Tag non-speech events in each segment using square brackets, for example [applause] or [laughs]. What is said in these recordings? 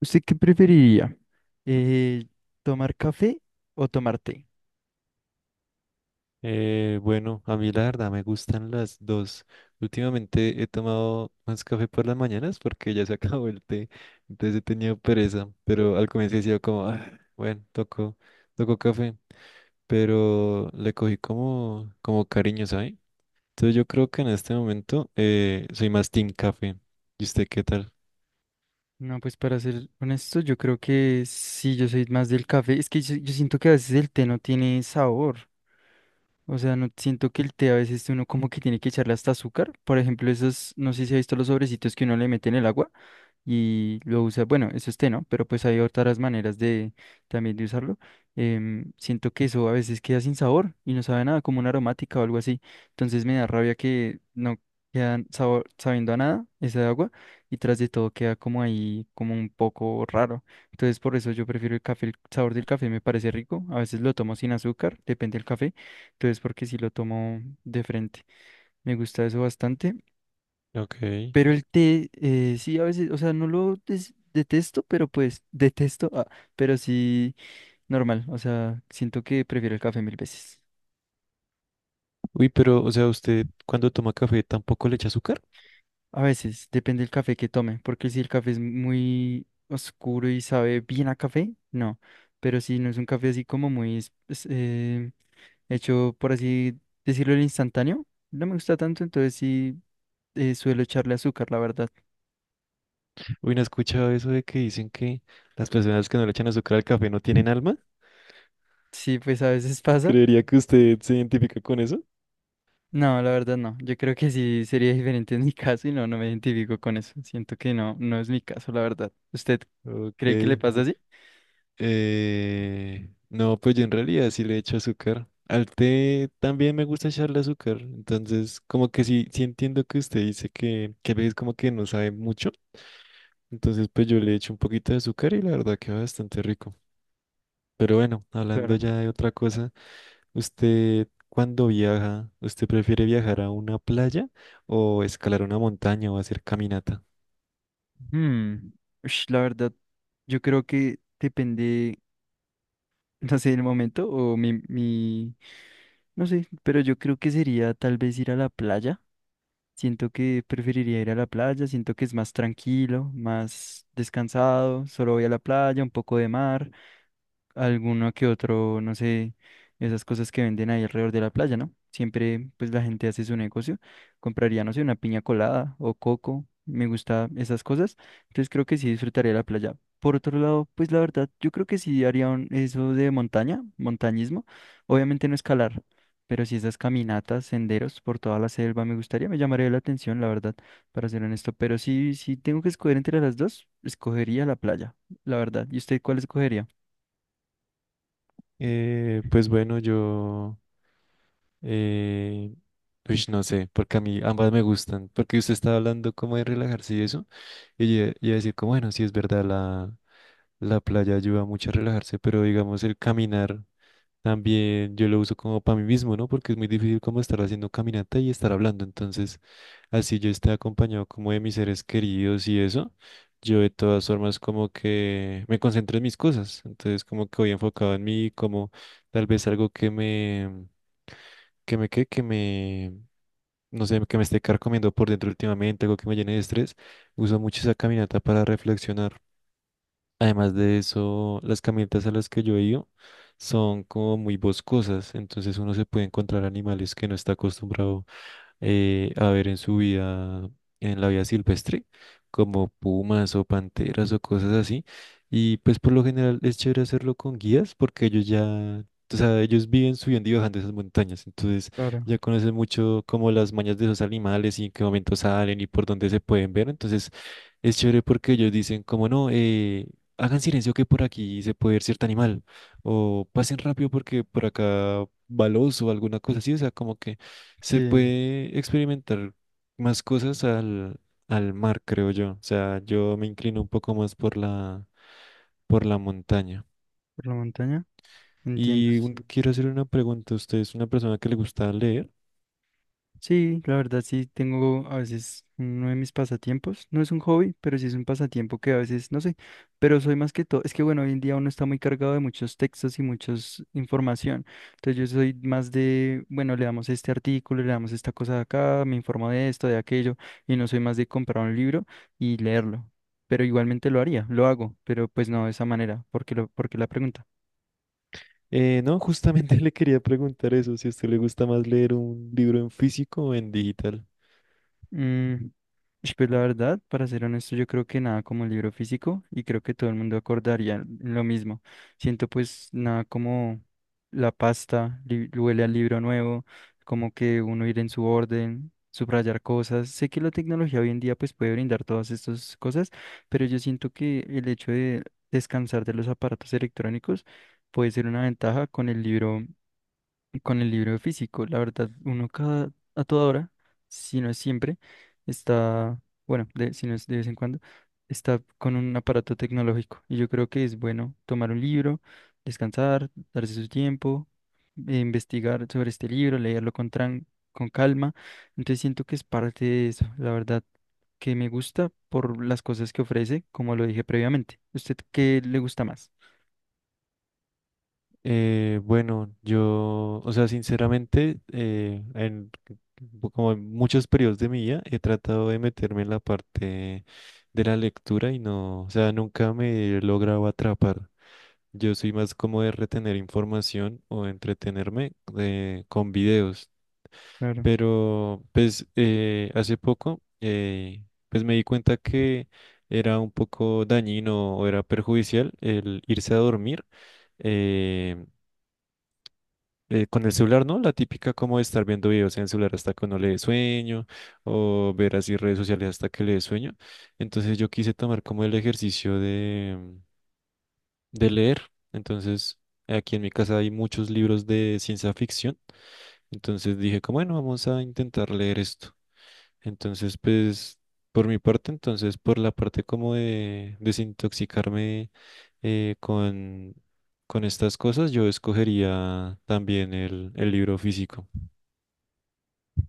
¿Usted qué preferiría? Eh, ¿Tomar café o tomar té? Bueno, a mí la verdad me gustan las dos. Últimamente he tomado más café por las mañanas porque ya se [laughs] acabó el té, entonces he tenido pereza, pero al comienzo decía como, "Ah, bueno, tocó, tocó café, pero le cogí como, como cariño, ¿sabes? Entonces yo creo que en este momento soy más team café. ¿Y usted qué tal? No, pues para ser honesto, yo creo que sí, yo soy más del café. Es que yo siento que a veces el té no tiene sabor. O sea, no siento que el té a veces uno como que tiene que echarle hasta azúcar. Por ejemplo, esos, no sé si ha visto los sobrecitos que uno le mete en el agua y lo usa, bueno, eso es té, ¿no? Pero pues hay otras maneras de también de usarlo. Siento que eso a veces queda sin sabor y no sabe a nada, como una aromática o algo así. Entonces me da rabia que no quedan sabor, sabiendo a nada esa agua, y tras de todo queda como ahí, como un poco raro. Entonces por eso yo prefiero el café, el sabor del café me parece rico. A veces lo tomo sin azúcar, depende del café. Entonces porque si lo tomo de frente, me gusta eso bastante. Ok. Pero el té, sí, a veces, o sea, no lo detesto, pero pues detesto, pero sí, normal, o sea, siento que prefiero el café mil veces. Uy, pero, o sea, ¿usted cuando toma café tampoco le echa azúcar? A veces, depende del café que tome, porque si el café es muy oscuro y sabe bien a café, no, pero si no es un café así como muy hecho, por así decirlo, el instantáneo, no me gusta tanto, entonces sí, suelo echarle azúcar, la verdad. Uy, ¿no he escuchado eso de que dicen que las personas que no le echan azúcar al café no tienen alma? Sí, pues a veces pasa. Creería que usted se identifica con eso. No, la verdad no. Yo creo que sí sería [laughs] diferente en mi caso y no, no me identifico con eso. Siento que no, no es mi caso, la verdad. ¿Usted Ok. cree que le pasa así? No, pues yo en realidad sí le echo azúcar. Al té también me gusta echarle azúcar. Entonces, como que sí, sí entiendo que usted dice que a veces como que no sabe mucho. Entonces, pues yo le echo un poquito de azúcar y la verdad queda bastante rico. Pero bueno, hablando Claro. ya de otra cosa, ¿usted cuando viaja, usted prefiere viajar a una playa o escalar una montaña o hacer caminata? Hmm, ush, la verdad, yo creo que depende, [laughs] no sé, el momento o no sé, pero yo creo que sería tal vez ir a la playa. Siento que preferiría ir a la playa, siento que es más tranquilo, más descansado, solo voy a la playa, un poco de mar, alguno que otro, no sé, esas cosas que venden ahí alrededor de la playa, ¿no? Siempre, pues la gente hace su negocio, compraría, no sé, una piña colada o coco, me gusta esas cosas, entonces creo que sí disfrutaría la playa. Por otro lado, pues la verdad, yo creo que sí haría eso de montaña, montañismo, obviamente no escalar, pero sí esas caminatas, senderos por toda la selva me gustaría, me llamaría la atención, la verdad, para ser honesto, pero sí, si tengo que escoger entre las dos, escogería la playa, la verdad. ¿Y usted cuál escogería? Pues bueno, yo... Eh, Uy, no sé, porque a mí ambas me gustan, porque usted estaba hablando como de relajarse y eso, y yo iba a decir como, bueno, sí es verdad, la playa ayuda mucho a relajarse, pero digamos el caminar también yo lo uso como para mí mismo, ¿no? Porque es muy difícil como estar haciendo caminata y estar hablando, entonces así yo esté acompañado como de mis seres queridos y eso, yo de todas formas como que me concentro en mis cosas, entonces como que voy enfocado en mí, como tal vez algo que me, no sé, que me esté carcomiendo por dentro últimamente, algo que me llene de estrés, uso mucho esa caminata para reflexionar. Además de eso, las caminatas a las que yo he ido son como muy boscosas, entonces uno se puede encontrar animales que no está acostumbrado a ver en su vida, en la vida silvestre, como pumas o panteras o cosas así. Y pues por lo general es chévere hacerlo con guías porque ellos ya, o sea, ellos viven subiendo y bajando esas montañas, entonces ya conocen mucho como las mañas de esos animales y en qué momento salen y por dónde se pueden ver. Entonces es chévere porque ellos dicen como no, hagan silencio que por aquí se puede ver cierto animal o pasen rápido porque por acá... balos o alguna cosa así, o sea, como que Sí, se puede experimentar más cosas al, al mar, creo yo. O sea, yo me inclino un poco más por por la montaña. por la montaña, ¿entiendes? Quiero hacer una pregunta. ¿Usted es una persona que le gusta leer? Sí, la verdad sí tengo a veces uno de mis pasatiempos, no es un hobby, pero sí es un pasatiempo que a veces, no sé, pero soy más que todo, es que bueno, hoy en día uno está muy cargado de muchos textos y mucha información, entonces yo soy más de, bueno, le damos este artículo, le damos esta cosa de acá, me informo de esto, de aquello, y no soy más de comprar un libro y leerlo, pero igualmente lo haría, lo hago, pero pues no de esa manera, porque lo, porque la pregunta. No, justamente [laughs] le quería preguntar eso, si a usted le gusta más leer un libro en físico o en digital. Mm, Pues la verdad, para ser honesto, yo creo que nada como el libro físico y creo que todo el mundo acordaría en lo mismo. Siento pues nada como la pasta, huele al libro nuevo, como que uno ir en su orden, subrayar cosas. Sé que la tecnología hoy en día pues puede brindar todas estas cosas, pero yo siento que el hecho de descansar de los aparatos electrónicos puede ser una ventaja con el libro, con el libro físico. La verdad, uno cada, a toda hora, si no es siempre, está, bueno, si no es de vez en cuando, está con un aparato tecnológico. Y yo creo que es bueno tomar un libro, descansar, darse su tiempo, investigar sobre este libro, leerlo con, con calma. Entonces siento que es parte de eso, la verdad, que me gusta por las cosas que ofrece, como lo dije previamente. ¿Usted qué le gusta más? Bueno, yo, o sea, sinceramente, como en muchos periodos de mi vida he tratado de meterme en la parte de la lectura y no, o sea, nunca me he logrado atrapar. Yo soy más como de retener información o entretenerme con videos. Claro. Pero, pues, hace poco, pues me di cuenta que era un poco dañino o era perjudicial el irse a dormir eh, con el celular, ¿no? La típica como de estar viendo videos en el celular hasta que uno le dé sueño o ver así redes sociales hasta que le dé sueño. Entonces yo quise tomar como el ejercicio de leer. Entonces aquí en mi casa hay muchos libros de ciencia ficción. Entonces dije, como bueno, vamos a intentar leer esto. Entonces, pues, por mi parte, entonces, por la parte como de desintoxicarme eh, con, con estas cosas, yo escogería también el libro físico.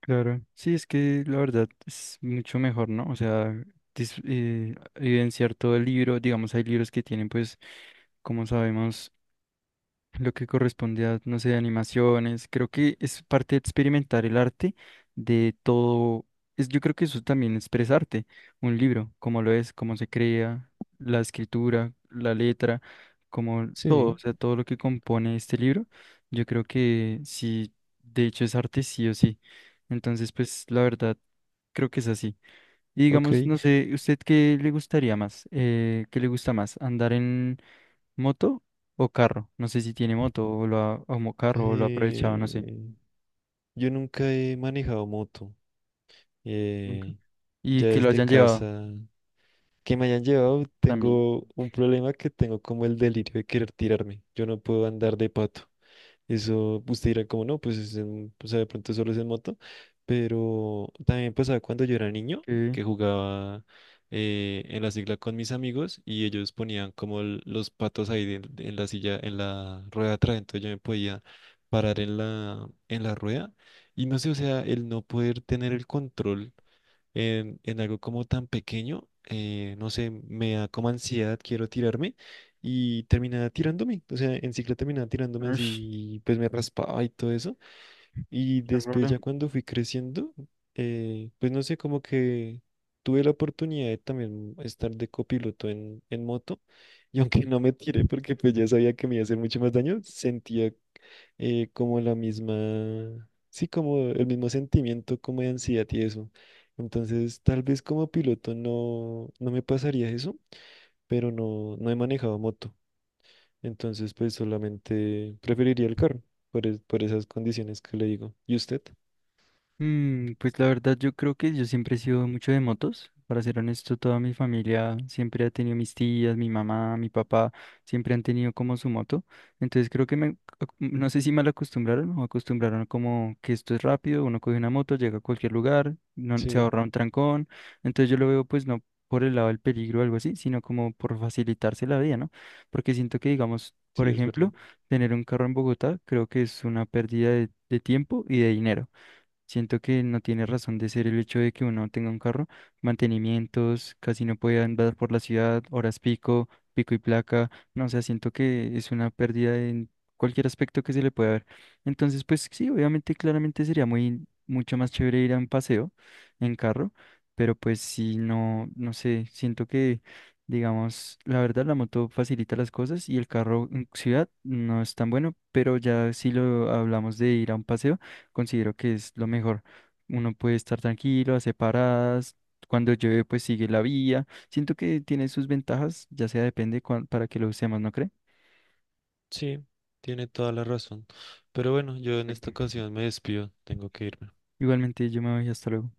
Claro, sí, es que la verdad es mucho mejor, ¿no? O sea, evidenciar todo el libro, digamos, hay libros que tienen, pues, como sabemos, lo que corresponde a, no sé, animaciones. Creo que es parte de experimentar el arte de todo. Es, yo creo que eso también es arte, un libro, cómo lo es, cómo se crea, la escritura, la letra, como todo, o Sí, sea, todo lo que compone este libro, yo creo que sí, de hecho es arte sí o sí. Entonces, pues la verdad, creo que es así. Y ok. digamos, no sé, ¿usted qué le gustaría más? ¿Qué le gusta más? ¿Andar en moto o carro? No sé si tiene moto o lo ha, o carro o lo ha aprovechado, no sé. Eh, yo nunca he manejado moto. Nunca. eh, Y ya que lo desde hayan llevado casa que me hayan llevado, también. tengo un problema que tengo como el delirio de querer tirarme. Yo no puedo andar de pato. Eso usted dirá como no, pues, es en- o sea, de pronto solo es en moto, pero también pasaba cuando yo era niño, Que, que jugaba en la sigla con mis amigos y ellos ponían como el- los patos ahí de- en la silla, en la rueda de atrás, entonces yo me podía parar en en la rueda y no sé, o sea, el no poder tener el control en algo como tan pequeño, no sé, me da como ansiedad, quiero tirarme y terminaba tirándome, o sea, en cicla terminaba tirándome ush, así, pues me raspaba y todo eso. Y qué después raro. ya cuando fui creciendo, pues no sé, como que tuve la oportunidad de también estar de copiloto en moto. [laughs] Y aunque no me tiré porque pues ya sabía que me iba a hacer mucho más daño, sentía como la misma, sí, como el mismo sentimiento como de ansiedad y eso. Entonces, tal vez como piloto no, no me pasaría eso, pero no, no he manejado moto. Entonces, pues solamente preferiría el carro por, es- por esas condiciones que le digo. ¿Y usted? Pues la verdad yo creo que yo siempre he sido mucho de motos. Para ser honesto, toda mi familia siempre ha tenido mis tías, mi mamá, mi papá, siempre han tenido como su moto. Entonces creo que me, no sé si mal acostumbraron o acostumbraron como que esto es rápido, uno coge una moto, llega a cualquier lugar, no, se Sí, ahorra un trancón. Entonces yo lo veo pues no por el lado del peligro o algo así, sino como por facilitarse la vida, ¿no? Porque siento que digamos, por sí, es verdad. ejemplo, tener un carro en Bogotá creo que es una pérdida de tiempo y de dinero. Siento que no tiene razón de ser el hecho de que uno tenga un carro, mantenimientos, casi no puede andar por la ciudad, horas pico, pico y placa, no, o sea, siento que es una pérdida en cualquier aspecto que se le pueda ver. Entonces, pues sí, obviamente, claramente sería muy, mucho más chévere ir a un paseo en carro, pero pues sí, no, no sé, siento que, digamos, la verdad, la moto facilita las cosas y el carro en ciudad no es tan bueno, pero ya si lo hablamos de ir a un paseo considero que es lo mejor. Uno puede estar tranquilo, hace paradas, cuando llueve pues sigue la vía. Siento que tiene sus ventajas, ya sea depende para que lo usemos, ¿no cree? Sí, tiene toda la razón. Pero bueno, yo en esta Perfecto. ocasión me despido, tengo que irme. Igualmente yo me voy, hasta luego.